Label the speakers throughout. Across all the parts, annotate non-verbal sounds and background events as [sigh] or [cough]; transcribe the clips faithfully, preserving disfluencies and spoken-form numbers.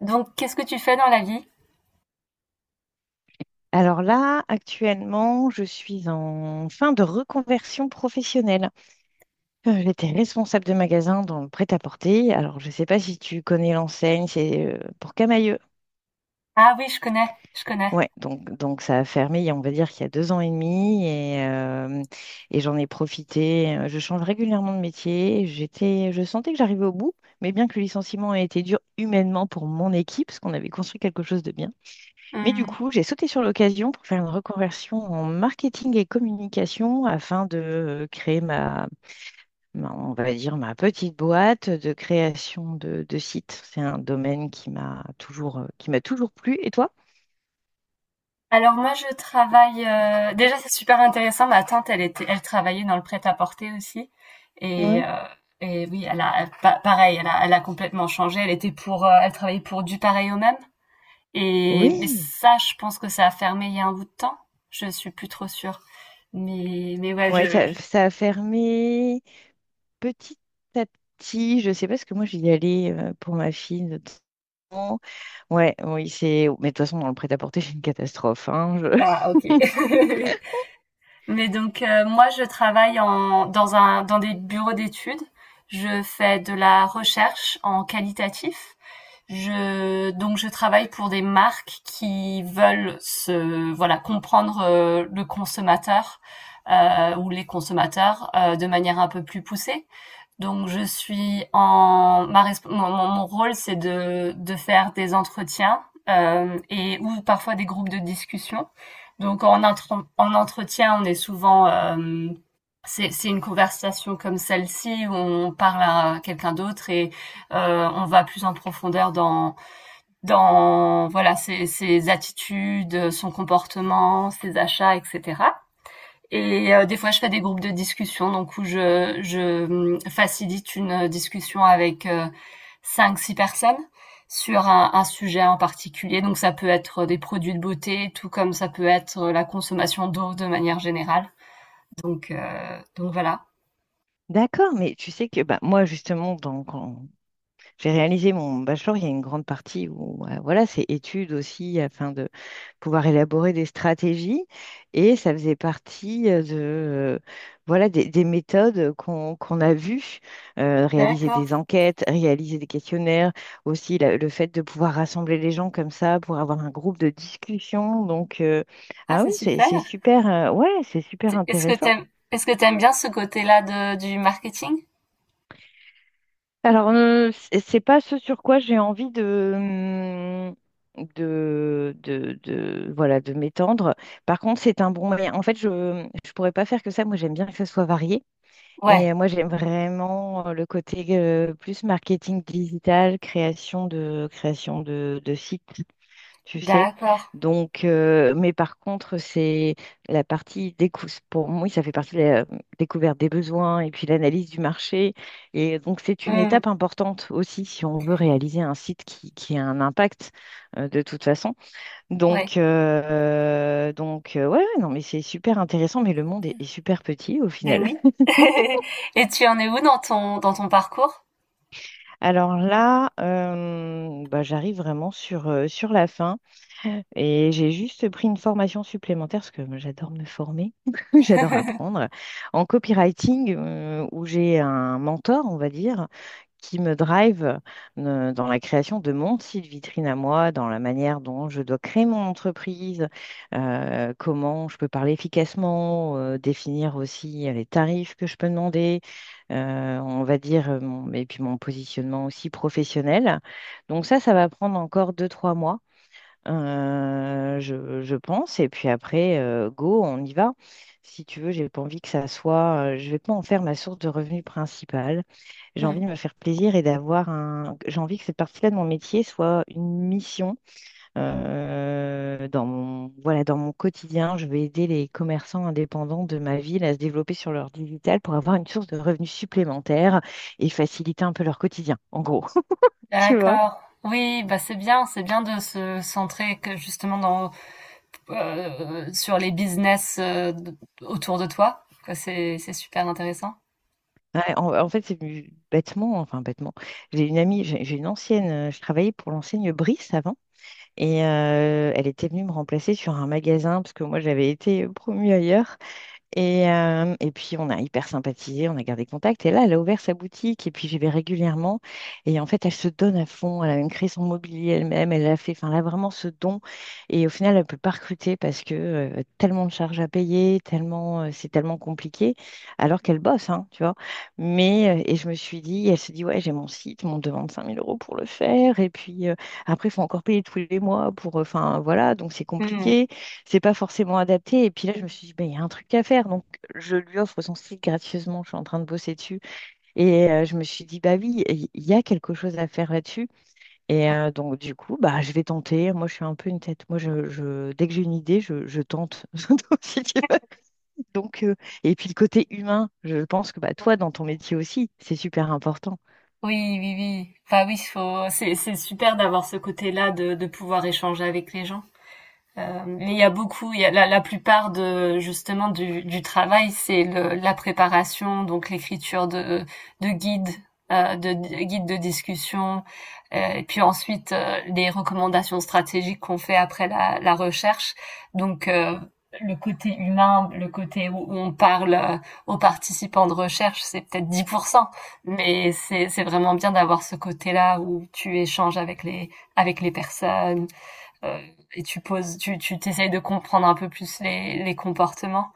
Speaker 1: Donc, qu'est-ce que tu fais dans la vie?
Speaker 2: Alors là, actuellement, je suis en fin de reconversion professionnelle. Euh, J'étais responsable de magasin dans le prêt-à-porter. Alors, je ne sais pas si tu connais l'enseigne, c'est euh, pour Camailleux.
Speaker 1: Ah oui, je connais, je connais.
Speaker 2: Ouais, donc, donc ça a fermé, il y a- on va dire qu'il y a deux ans et demi, et, euh, et j'en ai profité. Euh, Je change régulièrement de métier. J'étais, je sentais que j'arrivais au bout, mais bien que le licenciement ait été dur humainement pour mon équipe, parce qu'on avait construit quelque chose de bien. Mais du
Speaker 1: Mmh.
Speaker 2: coup, j'ai sauté sur l'occasion pour faire une reconversion en marketing et communication afin de euh, créer ma, ma- on va dire, ma petite boîte de création de, de sites. C'est un domaine qui m'a toujours, euh, qui m'a toujours plu. Et toi?
Speaker 1: Alors moi, je travaille. euh, Déjà, c'est super intéressant. Ma tante, elle était, elle travaillait dans le prêt-à-porter aussi. Et,
Speaker 2: Ouais.
Speaker 1: euh, et oui, elle a, elle- pa- pareil, elle a, elle a complètement changé. Elle était pour, euh, elle travaillait pour du pareil au même. Et mais
Speaker 2: Oui.
Speaker 1: ça, je pense que ça a fermé il y a un bout de temps. Je suis plus trop sûre. Mais mais ouais, je,
Speaker 2: Ouais, ça,
Speaker 1: je-
Speaker 2: ça a fermé petit à petit. Je sais pas, parce que moi, j'y allais euh, pour ma fille de temps. Ouais, oui, c'est. Mais de toute façon, dans le prêt-à-porter, c'est une catastrophe, hein. Je-
Speaker 1: ah, ok. [laughs] Mais donc euh, moi, je travaille en, dans un, dans des bureaux d'études. Je fais de la recherche en qualitatif. Je, donc je travaille pour des marques qui veulent se, voilà, comprendre euh, le consommateur euh, ou les consommateurs euh, de manière un peu plus poussée. Donc je suis en ma resp- mon, mon mon rôle, c'est de de faire des entretiens, hem et ou parfois des groupes de discussion. Donc en intren en entretien, on est souvent, hem, c'est c'est une conversation comme celle-ci où on parle à quelqu'un d'autre et heu, on va plus en profondeur dans dans voilà, ses ses attitudes, son comportement, ses achats, et cetera. Et heu, des fois, je fais des groupes de discussion, donc où je je, mmh, facilite une euh, discussion avec, heu, cinq six personnes sur un un sujet en particulier. Donc ça peut être des produits de beauté, tout comme ça peut être la consommation d'eau de manière générale. Donc heu, donc voilà.
Speaker 2: D'accord, mais tu sais que bah, moi, justement, dans, quand, j'ai réalisé mon bachelor, il y a une grande partie où euh, voilà, c'est études aussi afin de pouvoir élaborer des stratégies et ça faisait partie euh, de euh, voilà des, des méthodes qu'on qu'on a vues, euh, réaliser
Speaker 1: D'accord.
Speaker 2: des enquêtes, réaliser des questionnaires, aussi la- le fait de pouvoir rassembler les gens comme ça pour avoir un groupe de discussion. Donc euh,
Speaker 1: Ah,
Speaker 2: ah oui,
Speaker 1: c'est
Speaker 2: c'est
Speaker 1: super.
Speaker 2: c'est super euh, ouais, c'est super
Speaker 1: Tu est-ce que
Speaker 2: intéressant.
Speaker 1: t'aimes, est-ce que t'aimes bien ce côté-là de du marketing?
Speaker 2: Alors, euh, c'est c'est pas ce sur quoi j'ai envie de, hum, de, de, de- voilà, de m'étendre. Par contre, c'est un bon moyen. En fait, je ne pourrais pas faire que ça. Moi, j'aime bien que ça soit varié. Et
Speaker 1: Ouais,
Speaker 2: euh, moi, j'aime vraiment euh, le côté euh, plus marketing digital, création de, création de, de sites, tu sais.
Speaker 1: d'accord.
Speaker 2: Donc, euh, mais par contre, c'est la partie décou pour moi, ça fait partie de la découverte des besoins et puis l'analyse du marché. Et donc, c'est une
Speaker 1: Mmh,
Speaker 2: étape importante aussi si on veut réaliser un site qui, qui a un impact euh, de toute façon.
Speaker 1: ouais.
Speaker 2: Donc, euh, donc euh, ouais, ouais, non, mais c'est super intéressant, mais le monde est, est super petit au
Speaker 1: Beh,
Speaker 2: final.
Speaker 1: oui.
Speaker 2: [laughs]
Speaker 1: [laughs] Et tu en es où dans ton dans ton parcours?
Speaker 2: Alors là, euh, bah, j'arrive vraiment sur, euh, sur la fin. Et j'ai juste pris une formation supplémentaire parce que moi, j'adore me former, [laughs] j'adore
Speaker 1: [laughs]
Speaker 2: apprendre en copywriting euh, où j'ai un mentor, on va dire, qui me drive euh, dans la création de mon site vitrine à moi, dans la manière dont je dois créer mon entreprise, euh, comment je peux parler efficacement, euh, définir aussi euh, les tarifs que je peux demander, euh, on va dire, euh, mon- et puis mon positionnement aussi professionnel. Donc ça, ça va prendre encore deux, trois mois. Euh, je, je pense. Et puis après, euh, go, on y va. Si tu veux, j'ai pas envie que ça soit. Euh, je vais pas en faire ma source de revenu principale. J'ai envie de me faire plaisir et d'avoir un. J'ai envie que cette partie-là de mon métier soit une mission euh, dans mon voilà dans mon quotidien. Je vais aider les commerçants indépendants de ma ville à se développer sur leur digital pour avoir une source de revenus supplémentaire et faciliter un peu leur quotidien. En gros, [laughs] tu vois.
Speaker 1: D'accord. Oui, bah, c'est bien, c'est bien de se centrer que justement dans heu, sur les business, heu, d autour de toi, quoi, c'est c'est super intéressant.
Speaker 2: Ouais, en, en fait, c'est venu bêtement, enfin bêtement. J'ai une amie, j'ai j'ai une ancienne, euh, je travaillais pour l'enseigne Brice avant, et euh, elle était venue me remplacer sur un magasin, parce que moi j'avais été promue ailleurs. Et, euh, et puis, on a hyper sympathisé, on a gardé contact. Et là, elle a ouvert sa boutique et puis j'y vais régulièrement. Et en fait, elle se donne à fond. Elle a même créé son mobilier elle-même. Elle a fait, enfin, elle a vraiment ce don. Et au final, elle ne peut pas recruter parce que euh, tellement de charges à payer, tellement, euh, c'est tellement compliqué, alors qu'elle bosse, hein, tu vois. Mais, euh, et je me suis dit, elle se dit, ouais, j'ai mon site, mais on me demande cinq mille euros pour le faire. Et puis, euh, après, il faut encore payer tous les mois pour, euh, enfin, voilà, donc c'est
Speaker 1: Mmh.
Speaker 2: compliqué, c'est pas forcément adapté. Et puis là, je me suis dit, ben, il y a un truc à faire. Donc, je lui offre son site gracieusement. Je suis en train de bosser dessus. Et euh, je me suis dit, bah oui, il y a quelque chose à faire là-dessus. Et euh, donc, du coup, bah, je vais tenter. Moi, je suis un peu une tête. Moi, je, je- dès que j'ai une idée, je, je tente. [laughs] Donc, Si tu veux. Donc, euh, et puis, le côté humain, je pense que bah, toi, dans ton métier aussi, c'est super important.
Speaker 1: Oui, oui, oui. Bah, oui, faut c'est c'est super d'avoir ce côté-là de de pouvoir échanger avec les gens. Euh, mais il y a beaucoup, il y a la, la plupart de justement du, du travail, c'est le- la préparation, donc l'écriture de, de guides, euh, de, de guides de discussion, euh, et puis ensuite euh, les recommandations stratégiques qu'on fait après la, la recherche. Donc euh, le côté humain, le côté où on parle euh, aux participants de recherche, c'est peut-être dix pour cent, mais c'est c'est vraiment bien d'avoir ce côté-là où tu échanges avec les avec les personnes euh, et tu poses, tu tu t'essayes de comprendre un peu plus les les comportements.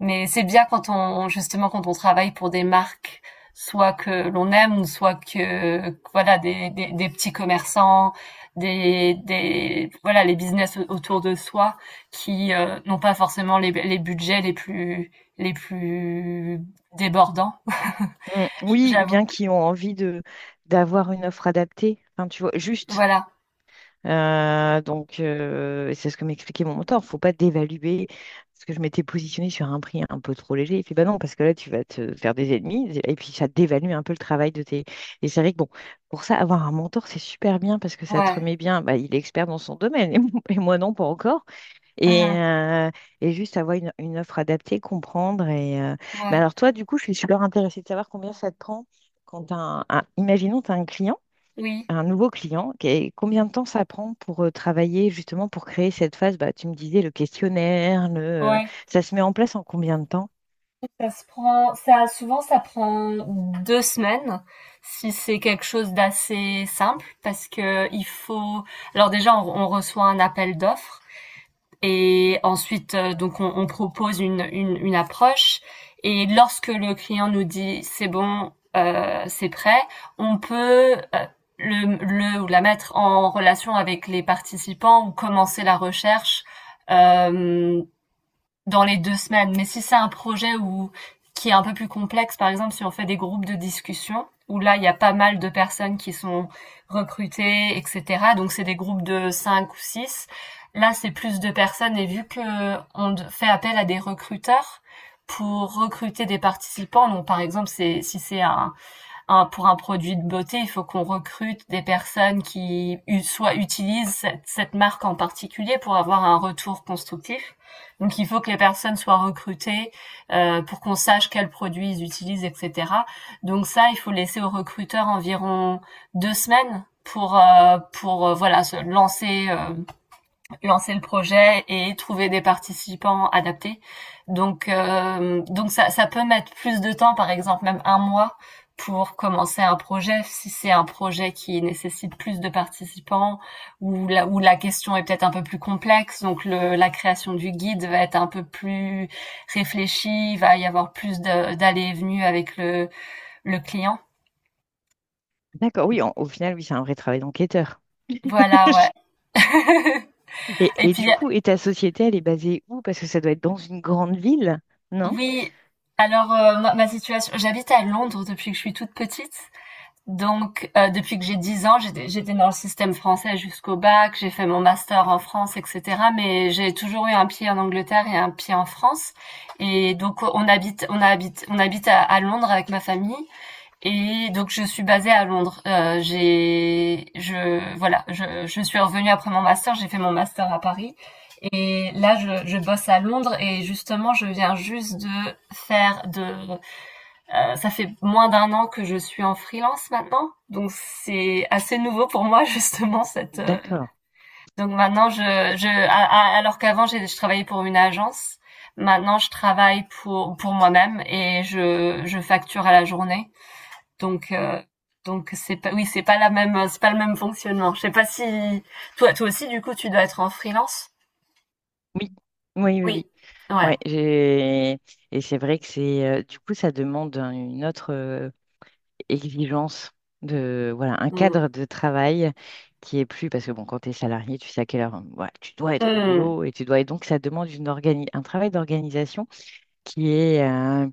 Speaker 1: Mais c'est bien quand on justement quand on travaille pour des marques soit que l'on aime, soit que voilà des, des, des petits commerçants, des, des voilà, les business autour de soi qui euh, n'ont pas forcément les, les budgets les plus les plus débordants.
Speaker 2: Mm. Oui, ou
Speaker 1: J'avoue
Speaker 2: bien
Speaker 1: que
Speaker 2: qui ont envie de d'avoir une offre adaptée. Enfin, tu vois, juste
Speaker 1: voilà.
Speaker 2: Euh, donc, euh, et c'est ce que m'expliquait mon mentor. Faut pas dévaluer parce que je m'étais positionnée sur un prix un peu trop léger. Il fait, bah non, parce que là, tu vas te faire des ennemis et puis ça dévalue un peu le travail de tes. Et c'est vrai que bon, pour ça, avoir un mentor, c'est super bien parce que ça te
Speaker 1: Ouais.
Speaker 2: remet bien. Bah, il est expert dans son domaine, [laughs] et moi et moi non, pas encore. Et,
Speaker 1: Uh-huh.
Speaker 2: euh, et juste avoir une, une offre adaptée, comprendre. Et, euh, mais
Speaker 1: Ouais.
Speaker 2: alors, toi, du coup, je suis super intéressée de savoir combien ça te prend quand t'as un, un... imaginons, tu as un client
Speaker 1: Oui.
Speaker 2: un nouveau client, qu'est- combien de temps ça prend pour euh, travailler justement pour créer cette phase? Bah, tu me disais le questionnaire, le... euh,
Speaker 1: Ouais.
Speaker 2: ça se met en place en combien de temps?
Speaker 1: Ça se prend ça souvent ça prend deux semaines, si c'est quelque chose d'assez simple parce que il faut alors déjà on on reçoit un appel d'offres et ensuite, heu, donc on on propose une une une approche et lorsque le client nous dit: «C'est bon, heu, c'est prêt», on peut, heu, le le ou la mettre en relation avec les participants ou commencer la recherche, hem dans les deux semaines. Mais si c'est un projet où qui est un peu plus complexe, par exemple, si on fait des groupes de discussion, où là, il y a pas mal de personnes qui sont recrutées, et cetera. Donc, c'est des groupes de cinq ou six. Là, c'est plus de personnes et vu que on fait appel à des recruteurs pour recruter des participants, donc par exemple, c'est, si c'est un, un- pour un produit de beauté, il faut qu'on recrute des personnes qui u- soit utilisent cette, cette marque en particulier pour avoir un retour constructif. Donc il faut que les personnes soient recrutées euh, pour qu'on sache quels produits ils utilisent, et cetera. Donc ça, il faut laisser aux recruteurs environ deux semaines pour euh, pour euh, voilà, se lancer euh, lancer le projet et trouver des participants adaptés. Donc, euh, donc ça, ça peut mettre plus de temps, par exemple même un mois, pour commencer un projet. Si c'est un projet qui nécessite plus de participants ou la, où la question est peut-être un peu plus complexe, donc le, la création du guide va être un peu plus réfléchie, il va y avoir plus de, d'allées et venues avec le, le client.
Speaker 2: D'accord, oui, en- au final, oui, c'est un vrai travail d'enquêteur.
Speaker 1: Voilà, ouais.
Speaker 2: [laughs]
Speaker 1: [laughs]
Speaker 2: Et,
Speaker 1: Et
Speaker 2: et du
Speaker 1: puis
Speaker 2: coup, et ta société, elle est basée où? Parce que ça doit être dans une grande ville, non?
Speaker 1: oui, alors, heu, moi, ma situation, j'habite à Londres depuis que je suis toute petite, donc heu, depuis que j'ai dix ans. J'étais j'étais dans le système français jusqu'au bac, j'ai fait mon master en France et cetera, mais j'ai toujours eu un pied en Angleterre et un pied en France et donc on habite on habite on habite à à Londres avec ma famille et donc je suis basée à Londres. Heu, j'ai je voilà, je je suis revenue après mon master, j'ai fait mon master à Paris et là je je bosse à Londres et justement je viens juste de faire de, heu, ça fait moins d'un an que je suis en freelance maintenant, donc c'est assez nouveau pour moi [laughs] justement cette, heu
Speaker 2: D'accord.
Speaker 1: donc maintenant je je a a alors qu'avant j'ai je travaillais pour une agence, maintenant je travaille pour pour moi-même et je je facture à la journée donc euh, donc c'est pas, oui, c'est pas la même c'est pas le même fonctionnement. Je sais pas si toi toi aussi du coup tu dois être en freelance?
Speaker 2: Oui, oui, oui,
Speaker 1: Oui.
Speaker 2: oui.
Speaker 1: Ouais.
Speaker 2: Ouais, j'ai- et c'est vrai que c'est euh, du coup, ça demande un- une autre euh, exigence de voilà un
Speaker 1: Mmh.
Speaker 2: cadre de travail qui est plus parce que bon quand tu es salarié tu sais à quelle heure, hein, voilà, tu dois être au
Speaker 1: Mmh.
Speaker 2: boulot et tu dois, et donc ça demande une organi- un travail d'organisation qui est euh,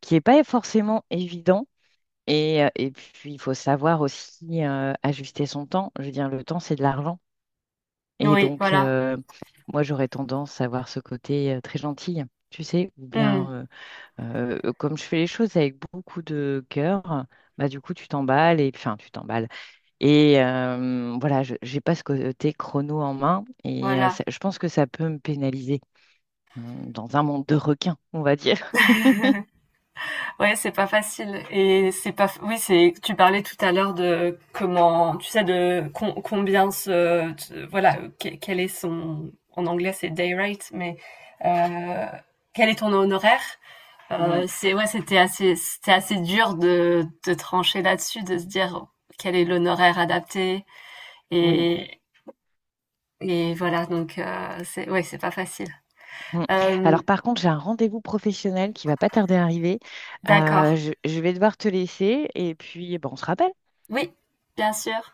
Speaker 2: qui est pas forcément évident et, euh, et puis il faut savoir aussi euh, ajuster son temps, je veux dire le temps c'est de l'argent et
Speaker 1: Oui,
Speaker 2: donc
Speaker 1: voilà.
Speaker 2: euh, moi j'aurais tendance à avoir ce côté euh, très gentil tu sais ou
Speaker 1: Mmh.
Speaker 2: bien euh, euh, comme je fais les choses avec beaucoup de cœur, bah, du coup, tu t'emballes et enfin, tu t'emballes. Et euh, voilà, je n'ai pas ce côté chrono en main et euh,
Speaker 1: Voilà.
Speaker 2: ça- je pense que ça peut me pénaliser, hein, dans un monde de requins, on va dire. [laughs]
Speaker 1: Ouais, c'est pas facile et c'est pas f- oui, c'est tu parlais tout à l'heure de comment tu sais de com- combien ce t- voilà, que- quel est son, en anglais c'est day rate, mais euh, quel est ton honoraire?
Speaker 2: Mm,
Speaker 1: Euh, c'est Ouais, c'était assez, c'était assez dur de, de trancher là-dessus, de se dire quel est l'honoraire adapté
Speaker 2: oui.
Speaker 1: et, et voilà. Donc euh, c'est ouais, c'est pas facile.
Speaker 2: Mm.
Speaker 1: Euh,
Speaker 2: Alors par contre, j'ai un rendez-vous professionnel qui va pas tarder à arriver.
Speaker 1: d'accord.
Speaker 2: Euh, je, je vais devoir te laisser et puis bah, on se rappelle.
Speaker 1: Oui, bien sûr.